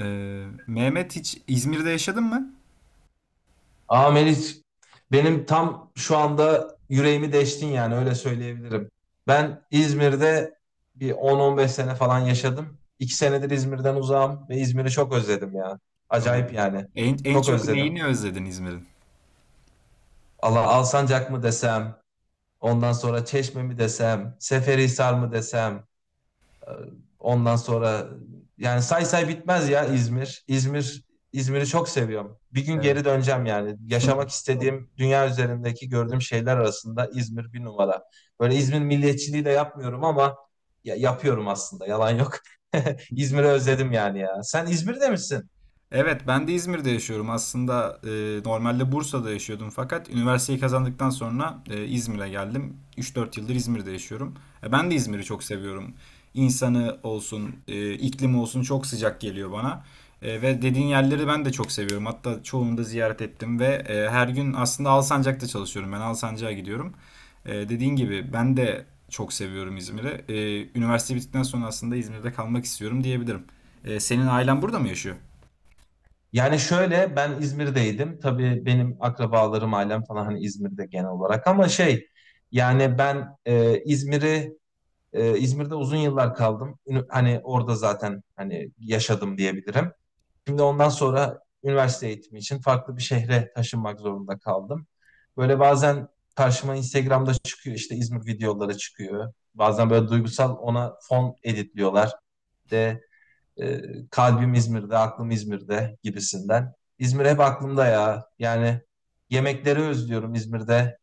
Mehmet hiç İzmir'de yaşadın mı? Aa Melis, benim tam şu anda yüreğimi deştin yani öyle söyleyebilirim. Ben İzmir'de bir 10-15 sene falan yaşadım. 2 senedir İzmir'den uzağım ve İzmir'i çok özledim ya. Acayip Oo. yani. En Çok çok özledim. neyini özledin İzmir'in? Allah Alsancak mı desem, ondan sonra Çeşme mi desem, Seferihisar mı desem. Ondan sonra yani say say bitmez ya İzmir. İzmir'i çok seviyorum. Bir gün Evet. geri döneceğim yani. Yaşamak istediğim dünya üzerindeki gördüğüm şeyler arasında İzmir bir numara. Böyle İzmir milliyetçiliği de yapmıyorum ama yapıyorum aslında. Yalan yok. İzmir'i özledim yani ya. Sen İzmir'de misin? Evet, ben de İzmir'de yaşıyorum. Aslında normalde Bursa'da yaşıyordum fakat üniversiteyi kazandıktan sonra İzmir'e geldim. 3-4 yıldır İzmir'de yaşıyorum. Ben de İzmir'i çok seviyorum. İnsanı olsun, iklimi olsun çok sıcak geliyor bana. Ve dediğin yerleri ben de çok seviyorum. Hatta çoğunu da ziyaret ettim ve her gün aslında Alsancak'ta çalışıyorum. Ben Alsancak'a gidiyorum. Dediğin gibi ben de çok seviyorum İzmir'i. Üniversite bittikten sonra aslında İzmir'de kalmak istiyorum diyebilirim. Senin ailen burada mı yaşıyor? Yani şöyle ben İzmir'deydim. Tabii benim akrabalarım, ailem falan hani İzmir'de genel olarak ama şey yani ben İzmir'i, İzmir'de uzun yıllar kaldım. Hani orada zaten hani yaşadım diyebilirim. Şimdi ondan sonra üniversite eğitimi için farklı bir şehre taşınmak zorunda kaldım. Böyle bazen karşıma Instagram'da çıkıyor, işte İzmir videoları çıkıyor. Bazen böyle duygusal ona fon editliyorlar. De e, kalbim İzmir'de, aklım İzmir'de gibisinden. İzmir hep aklımda ya. Yani yemekleri özlüyorum İzmir'de.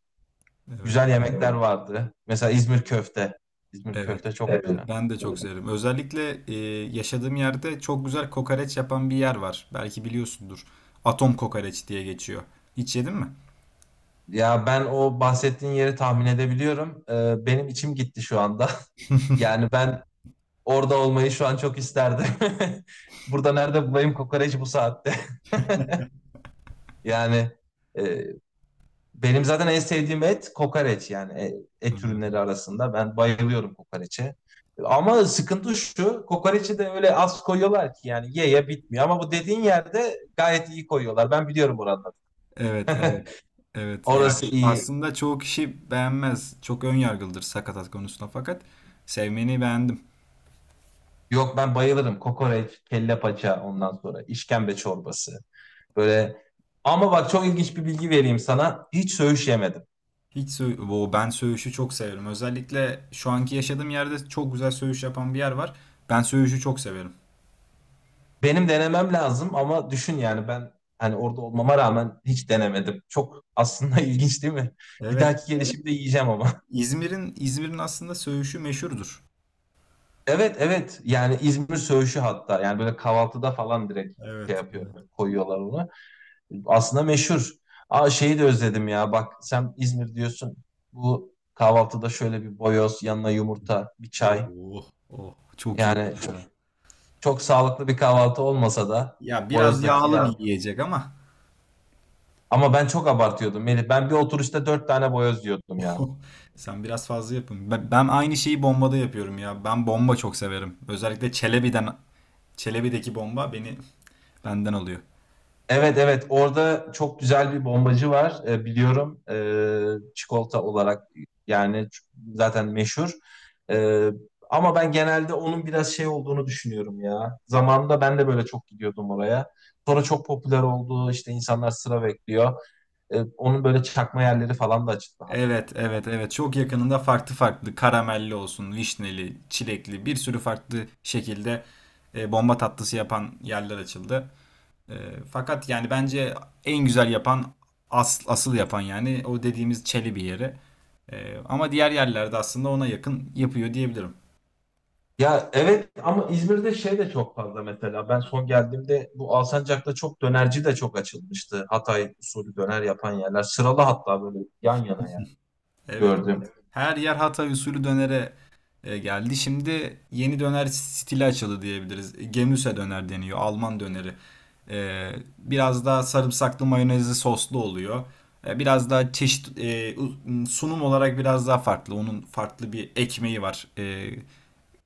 Evet, Güzel yemekler, evet, vardı. Mesela İzmir köfte. İzmir evet. köfte çok, evet, Evet, güzel. ben de çok severim. Özellikle yaşadığım yerde çok güzel kokoreç yapan bir yer var. Belki biliyorsundur. Atom kokoreç diye geçiyor. Hiç yedin mi? Ya ben o bahsettiğin yeri tahmin edebiliyorum. Benim içim gitti şu anda. Yani ben orada olmayı şu an çok isterdim. Burada nerede bulayım kokoreç bu saatte? Yani e, benim zaten en sevdiğim et kokoreç yani et Hmm. ürünleri arasında. Ben bayılıyorum kokoreçe. Ama sıkıntı şu, kokoreçi de öyle az koyuyorlar ki yani ye ye bitmiyor. Ama bu dediğin yerde gayet iyi koyuyorlar. Ben biliyorum oranları. Evet, evet. Evet. Ya Orası iyi. aslında çoğu kişi beğenmez. Çok ön yargılıdır sakatat konusunda fakat sevmeni beğendim. Yok ben bayılırım. Kokoreç, kelle paça, ondan sonra işkembe çorbası. Böyle, ama bak çok ilginç bir bilgi vereyim sana. Hiç söğüş yemedim. Hiç sö Oo, ben söğüşü çok severim. Özellikle şu anki yaşadığım yerde çok güzel söğüş yapan bir yer var. Ben söğüşü çok severim. Benim denemem lazım ama düşün yani ben hani orada olmama rağmen hiç denemedim. Çok aslında ilginç değil mi? Bir Evet. dahaki, evet, gelişimde yiyeceğim ama. İzmir'in aslında söğüşü meşhurdur. Evet, evet, yani İzmir söğüşü, hatta yani böyle kahvaltıda falan direkt şey Evet, evet. yapıyorlar, koyuyorlar onu. Aslında meşhur. Aa, şeyi de özledim ya. Bak, sen İzmir diyorsun. Bu kahvaltıda şöyle bir boyoz, yanına yumurta, bir çay. Oh, oh. Çok iyi oldu Yani çok ya. sağlıklı bir kahvaltı olmasa da Ya biraz boyozdaki yağlı ya. bir yiyecek ama. Ama ben çok abartıyordum Melih. Ben bir oturuşta dört tane boyoz yiyordum ya. Oh, sen biraz fazla yapın. Ben aynı şeyi bombada yapıyorum ya. Ben bomba çok severim. Özellikle Çelebi'deki bomba beni benden alıyor. Evet, evet, orada çok güzel bir bombacı var, biliyorum, çikolata olarak yani zaten meşhur. E, ama ben genelde onun biraz şey olduğunu düşünüyorum ya, zamanında ben de böyle çok gidiyordum oraya, sonra çok popüler oldu, işte insanlar sıra bekliyor. Onun böyle çakma yerleri falan da açıldı hatta. Evet, evet, evet. Çok yakınında farklı farklı karamelli olsun, vişneli, çilekli bir sürü farklı şekilde bomba tatlısı yapan yerler açıldı. E, fakat yani bence en güzel yapan asıl yapan yani o dediğimiz Çelebi yeri. Ama diğer yerlerde aslında ona yakın yapıyor diyebilirim. Ya evet, ama İzmir'de şey de çok fazla, mesela ben son geldiğimde bu Alsancak'ta çok dönerci de çok açılmıştı, Hatay usulü döner yapan yerler sıralı, hatta böyle yan yana yani. Evet, evet. Gördüm. Her yer Hatay usulü dönere geldi. Şimdi yeni döner stili açıldı diyebiliriz. Gemüse döner deniyor, Alman döneri. Ee, biraz daha sarımsaklı mayonezli soslu oluyor. Biraz daha çeşit sunum olarak biraz daha farklı. Onun farklı bir ekmeği var. Ee,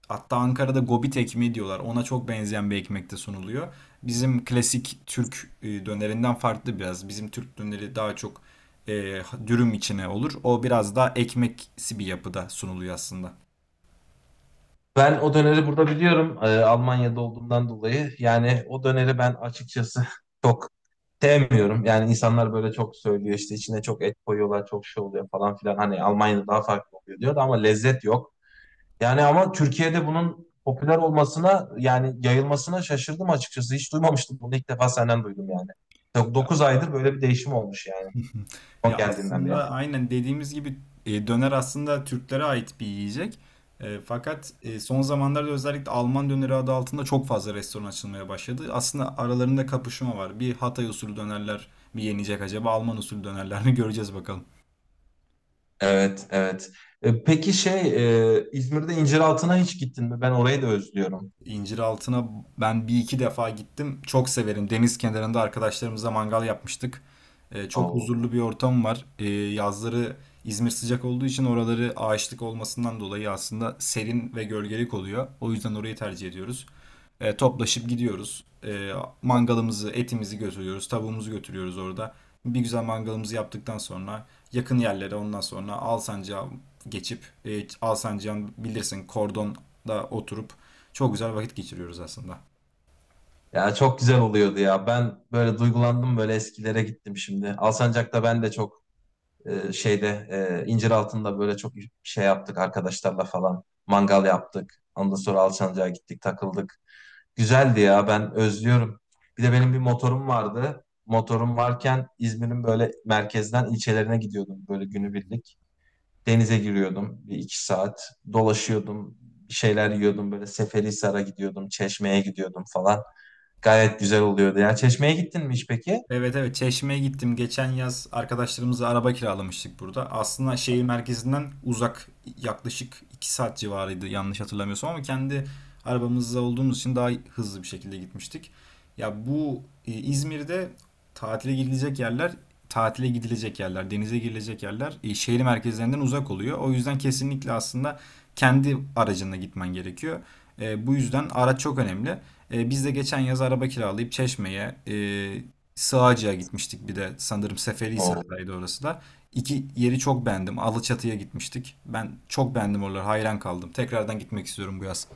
Hatta Ankara'da gobit ekmeği diyorlar. Ona çok benzeyen bir ekmekte sunuluyor. Bizim klasik Türk dönerinden farklı biraz. Bizim Türk döneri daha çok e, dürüm içine olur. O biraz daha ekmeksi bir yapıda sunuluyor aslında. Ben o döneri burada biliyorum, Almanya'da olduğumdan dolayı. Yani o döneri ben açıkçası çok sevmiyorum. Yani insanlar böyle çok söylüyor, işte içine çok et koyuyorlar, çok şey oluyor falan filan. Hani Almanya'da daha farklı oluyor diyor da, ama lezzet yok. Yani ama Türkiye'de bunun popüler olmasına, yani yayılmasına şaşırdım açıkçası. Hiç duymamıştım, bunu ilk defa senden duydum yani. Ya, 9 aydır böyle bir değişim olmuş yani, son ya geldiğinden beri. aslında aynen dediğimiz gibi döner aslında Türklere ait bir yiyecek. Fakat son zamanlarda özellikle Alman döneri adı altında çok fazla restoran açılmaya başladı. Aslında aralarında kapışma var. Bir Hatay usulü dönerler mi yenecek acaba? Alman usulü dönerler mi göreceğiz bakalım. Evet, evet. Peki şey, İzmir'de İnciraltı'na hiç gittin mi? Ben orayı da özlüyorum. İnciraltı'na ben bir iki defa gittim. Çok severim. Deniz kenarında arkadaşlarımızla mangal yapmıştık. Çok Oo. huzurlu bir ortam var. Yazları İzmir sıcak olduğu için oraları ağaçlık olmasından dolayı aslında serin ve gölgelik oluyor. O yüzden orayı tercih ediyoruz. Toplaşıp gidiyoruz. Mangalımızı, etimizi götürüyoruz. Tavuğumuzu götürüyoruz orada. Bir güzel mangalımızı yaptıktan sonra yakın yerlere ondan sonra Alsancak'a geçip Alsancak'ın bilirsin kordonda oturup çok güzel vakit geçiriyoruz aslında. Ya çok güzel oluyordu ya. Ben böyle duygulandım, böyle eskilere gittim şimdi. Alsancak'ta ben de çok, şeyde, İnciraltı'nda böyle çok şey yaptık arkadaşlarla falan. Mangal yaptık. Ondan sonra Alsancak'a gittik, takıldık. Güzeldi ya, ben özlüyorum. Bir de benim bir motorum vardı. Motorum varken İzmir'in böyle merkezden ilçelerine gidiyordum böyle günübirlik. Denize giriyordum bir iki saat. Dolaşıyordum. Bir şeyler yiyordum. Böyle Seferihisar'a gidiyordum, Çeşme'ye gidiyordum falan. Gayet güzel oluyordu. Ya, Çeşme'ye gittin mi hiç peki? Evet evet, Çeşme'ye gittim. Geçen yaz arkadaşlarımızla araba kiralamıştık burada. Aslında şehir merkezinden uzak yaklaşık 2 saat civarıydı yanlış hatırlamıyorsam ama kendi arabamızda olduğumuz için daha hızlı bir şekilde gitmiştik. Ya bu İzmir'de tatile gidilecek yerler, tatile gidilecek yerler, denize girilecek yerler şehir merkezlerinden uzak oluyor. O yüzden kesinlikle aslında kendi aracınla gitmen gerekiyor. Bu yüzden araç çok önemli. Biz de geçen yaz araba kiralayıp Çeşme'ye, Sığacıya gitmiştik, bir de sanırım Oo, Seferihisar'daydı orası da. İki yeri çok beğendim. Alaçatı'ya gitmiştik. Ben çok beğendim oraları. Hayran kaldım. Tekrardan gitmek istiyorum bu yaz.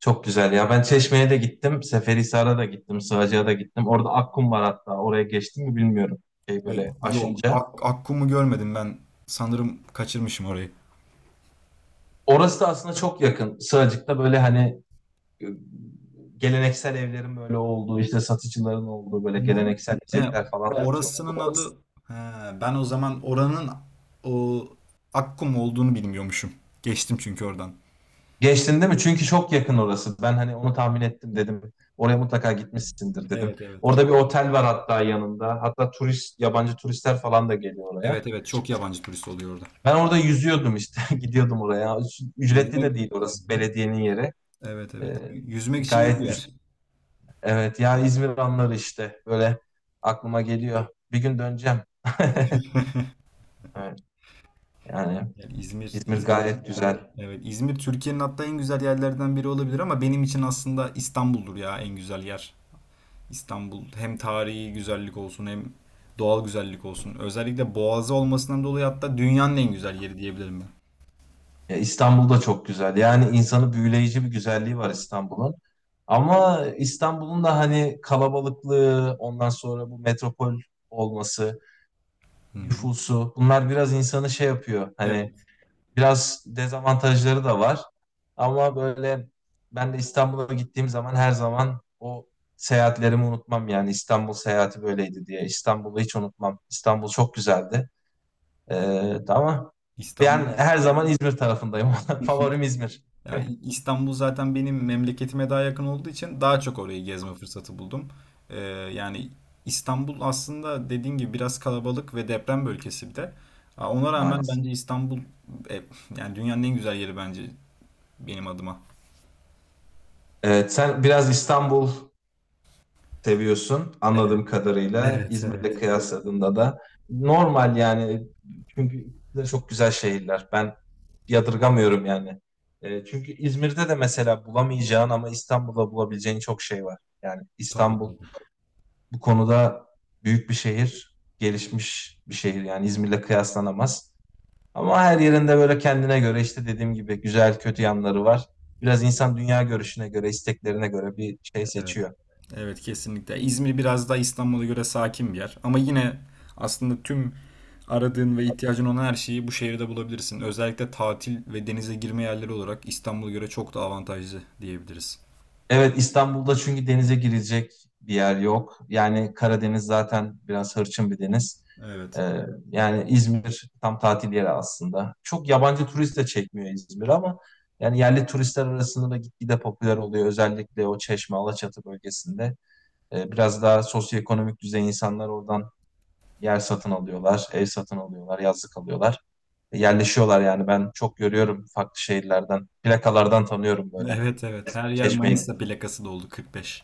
çok güzel ya. Ben Çeşme'ye de gittim, Seferihisar'a da gittim, Sığacak'a da gittim. Orada Akkum var hatta. Oraya geçtim mi bilmiyorum. Şey E, böyle yok. aşınca. Akkum'u görmedim ben. Sanırım kaçırmışım orayı. Orası da aslında çok yakın. Sığacık'ta böyle hani geleneksel evlerin böyle olduğu, işte satıcıların olduğu, böyle Hı hı. geleneksel He, yiyecekler falan satıyorlar. orasının adı... He, ben o zaman oranın o, Akkum olduğunu bilmiyormuşum. Geçtim çünkü oradan. Geçtin değil mi? Çünkü çok yakın orası. Ben hani onu tahmin ettim, dedim. Oraya mutlaka gitmişsindir dedim. Evet evet. Orada bir otel var hatta yanında. Hatta turist, yabancı turistler falan da geliyor oraya. Evet evet, çok yabancı turist oluyor orada. Ben orada yüzüyordum işte. Gidiyordum oraya. Ücretli Yüzmek... de Hı değil orası. hı. Belediyenin yeri. Evet evet. Ee, Yüzmek için iyi bir gayet güzel. yer. Evet ya, İzmir anları işte. Böyle aklıma geliyor. Bir gün döneceğim. Evet, yani Yani İzmir, İzmir İzmir gayet cidden, güzel. evet, İzmir Türkiye'nin hatta en güzel yerlerden biri olabilir ama benim için aslında İstanbul'dur ya en güzel yer. İstanbul hem tarihi güzellik olsun hem doğal güzellik olsun. Özellikle Boğazı olmasından dolayı hatta dünyanın en güzel yeri diyebilirim ben. Ya, İstanbul da çok güzel. Yani insanı büyüleyici bir güzelliği var İstanbul'un. Ama İstanbul'un da hani kalabalıklığı, ondan sonra bu metropol olması, Hı hı. nüfusu, bunlar biraz insanı şey yapıyor. Hani Evet. biraz dezavantajları da var. Ama böyle ben de İstanbul'a gittiğim zaman her zaman o seyahatlerimi unutmam, yani İstanbul seyahati böyleydi diye. İstanbul'u hiç unutmam. İstanbul çok güzeldi. Ama ben İstanbul. her zaman İzmir tarafındayım. Favorim İzmir Ya İstanbul zaten benim memleketime daha yakın olduğu için daha çok orayı gezme fırsatı buldum. Ee, yani İstanbul aslında dediğin gibi biraz kalabalık ve deprem bölgesi bir de. Aa, ona rağmen maalesef. bence İstanbul e, yani dünyanın en güzel yeri bence benim adıma. Evet, sen biraz İstanbul seviyorsun Evet, anladığım kadarıyla. evet, evet. İzmir'le kıyasladığında da normal yani. Çünkü ikisi de çok güzel şehirler. Ben yadırgamıyorum yani. Çünkü İzmir'de de mesela bulamayacağın ama İstanbul'da bulabileceğin çok şey var. Yani Tabii İstanbul tabii. bu konuda büyük bir şehir, gelişmiş bir şehir. Yani İzmir'le kıyaslanamaz. Ama her yerinde böyle kendine göre, işte dediğim gibi güzel kötü yanları var. Biraz insan dünya görüşüne göre, isteklerine göre bir şey Evet. seçiyor. Evet, kesinlikle. İzmir biraz daha İstanbul'a göre sakin bir yer. Ama yine aslında tüm aradığın ve ihtiyacın olan her şeyi bu şehirde bulabilirsin. Özellikle tatil ve denize girme yerleri olarak İstanbul'a göre çok daha avantajlı diyebiliriz. Evet, İstanbul'da çünkü denize girecek bir yer yok. Yani Karadeniz zaten biraz hırçın bir deniz. Evet. Ee, yani İzmir tam tatil yeri aslında. Çok yabancı turist de çekmiyor İzmir, ama yani yerli turistler arasında da gitgide popüler oluyor. Özellikle o Çeşme, Alaçatı bölgesinde. Biraz daha sosyoekonomik düzey insanlar oradan yer satın alıyorlar, ev satın alıyorlar, yazlık alıyorlar. Yerleşiyorlar yani, ben çok görüyorum farklı şehirlerden. Plakalardan tanıyorum böyle. Evet evet. Her yer Çeşme'ye Manisa gittiğimde. plakası doldu, 45.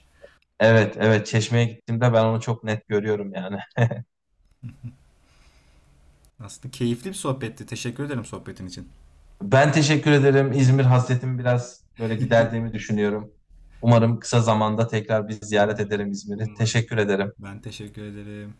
Evet, evet, Çeşme'ye gittiğimde ben onu çok net görüyorum yani. Aslında keyifli bir sohbetti. Teşekkür ederim sohbetin için. Ben teşekkür ederim. İzmir hasretimi biraz böyle giderdiğimi düşünüyorum. Umarım kısa zamanda tekrar bir ziyaret Umarım. ederim İzmir'i. Umarım. Teşekkür ederim. Ben teşekkür ederim.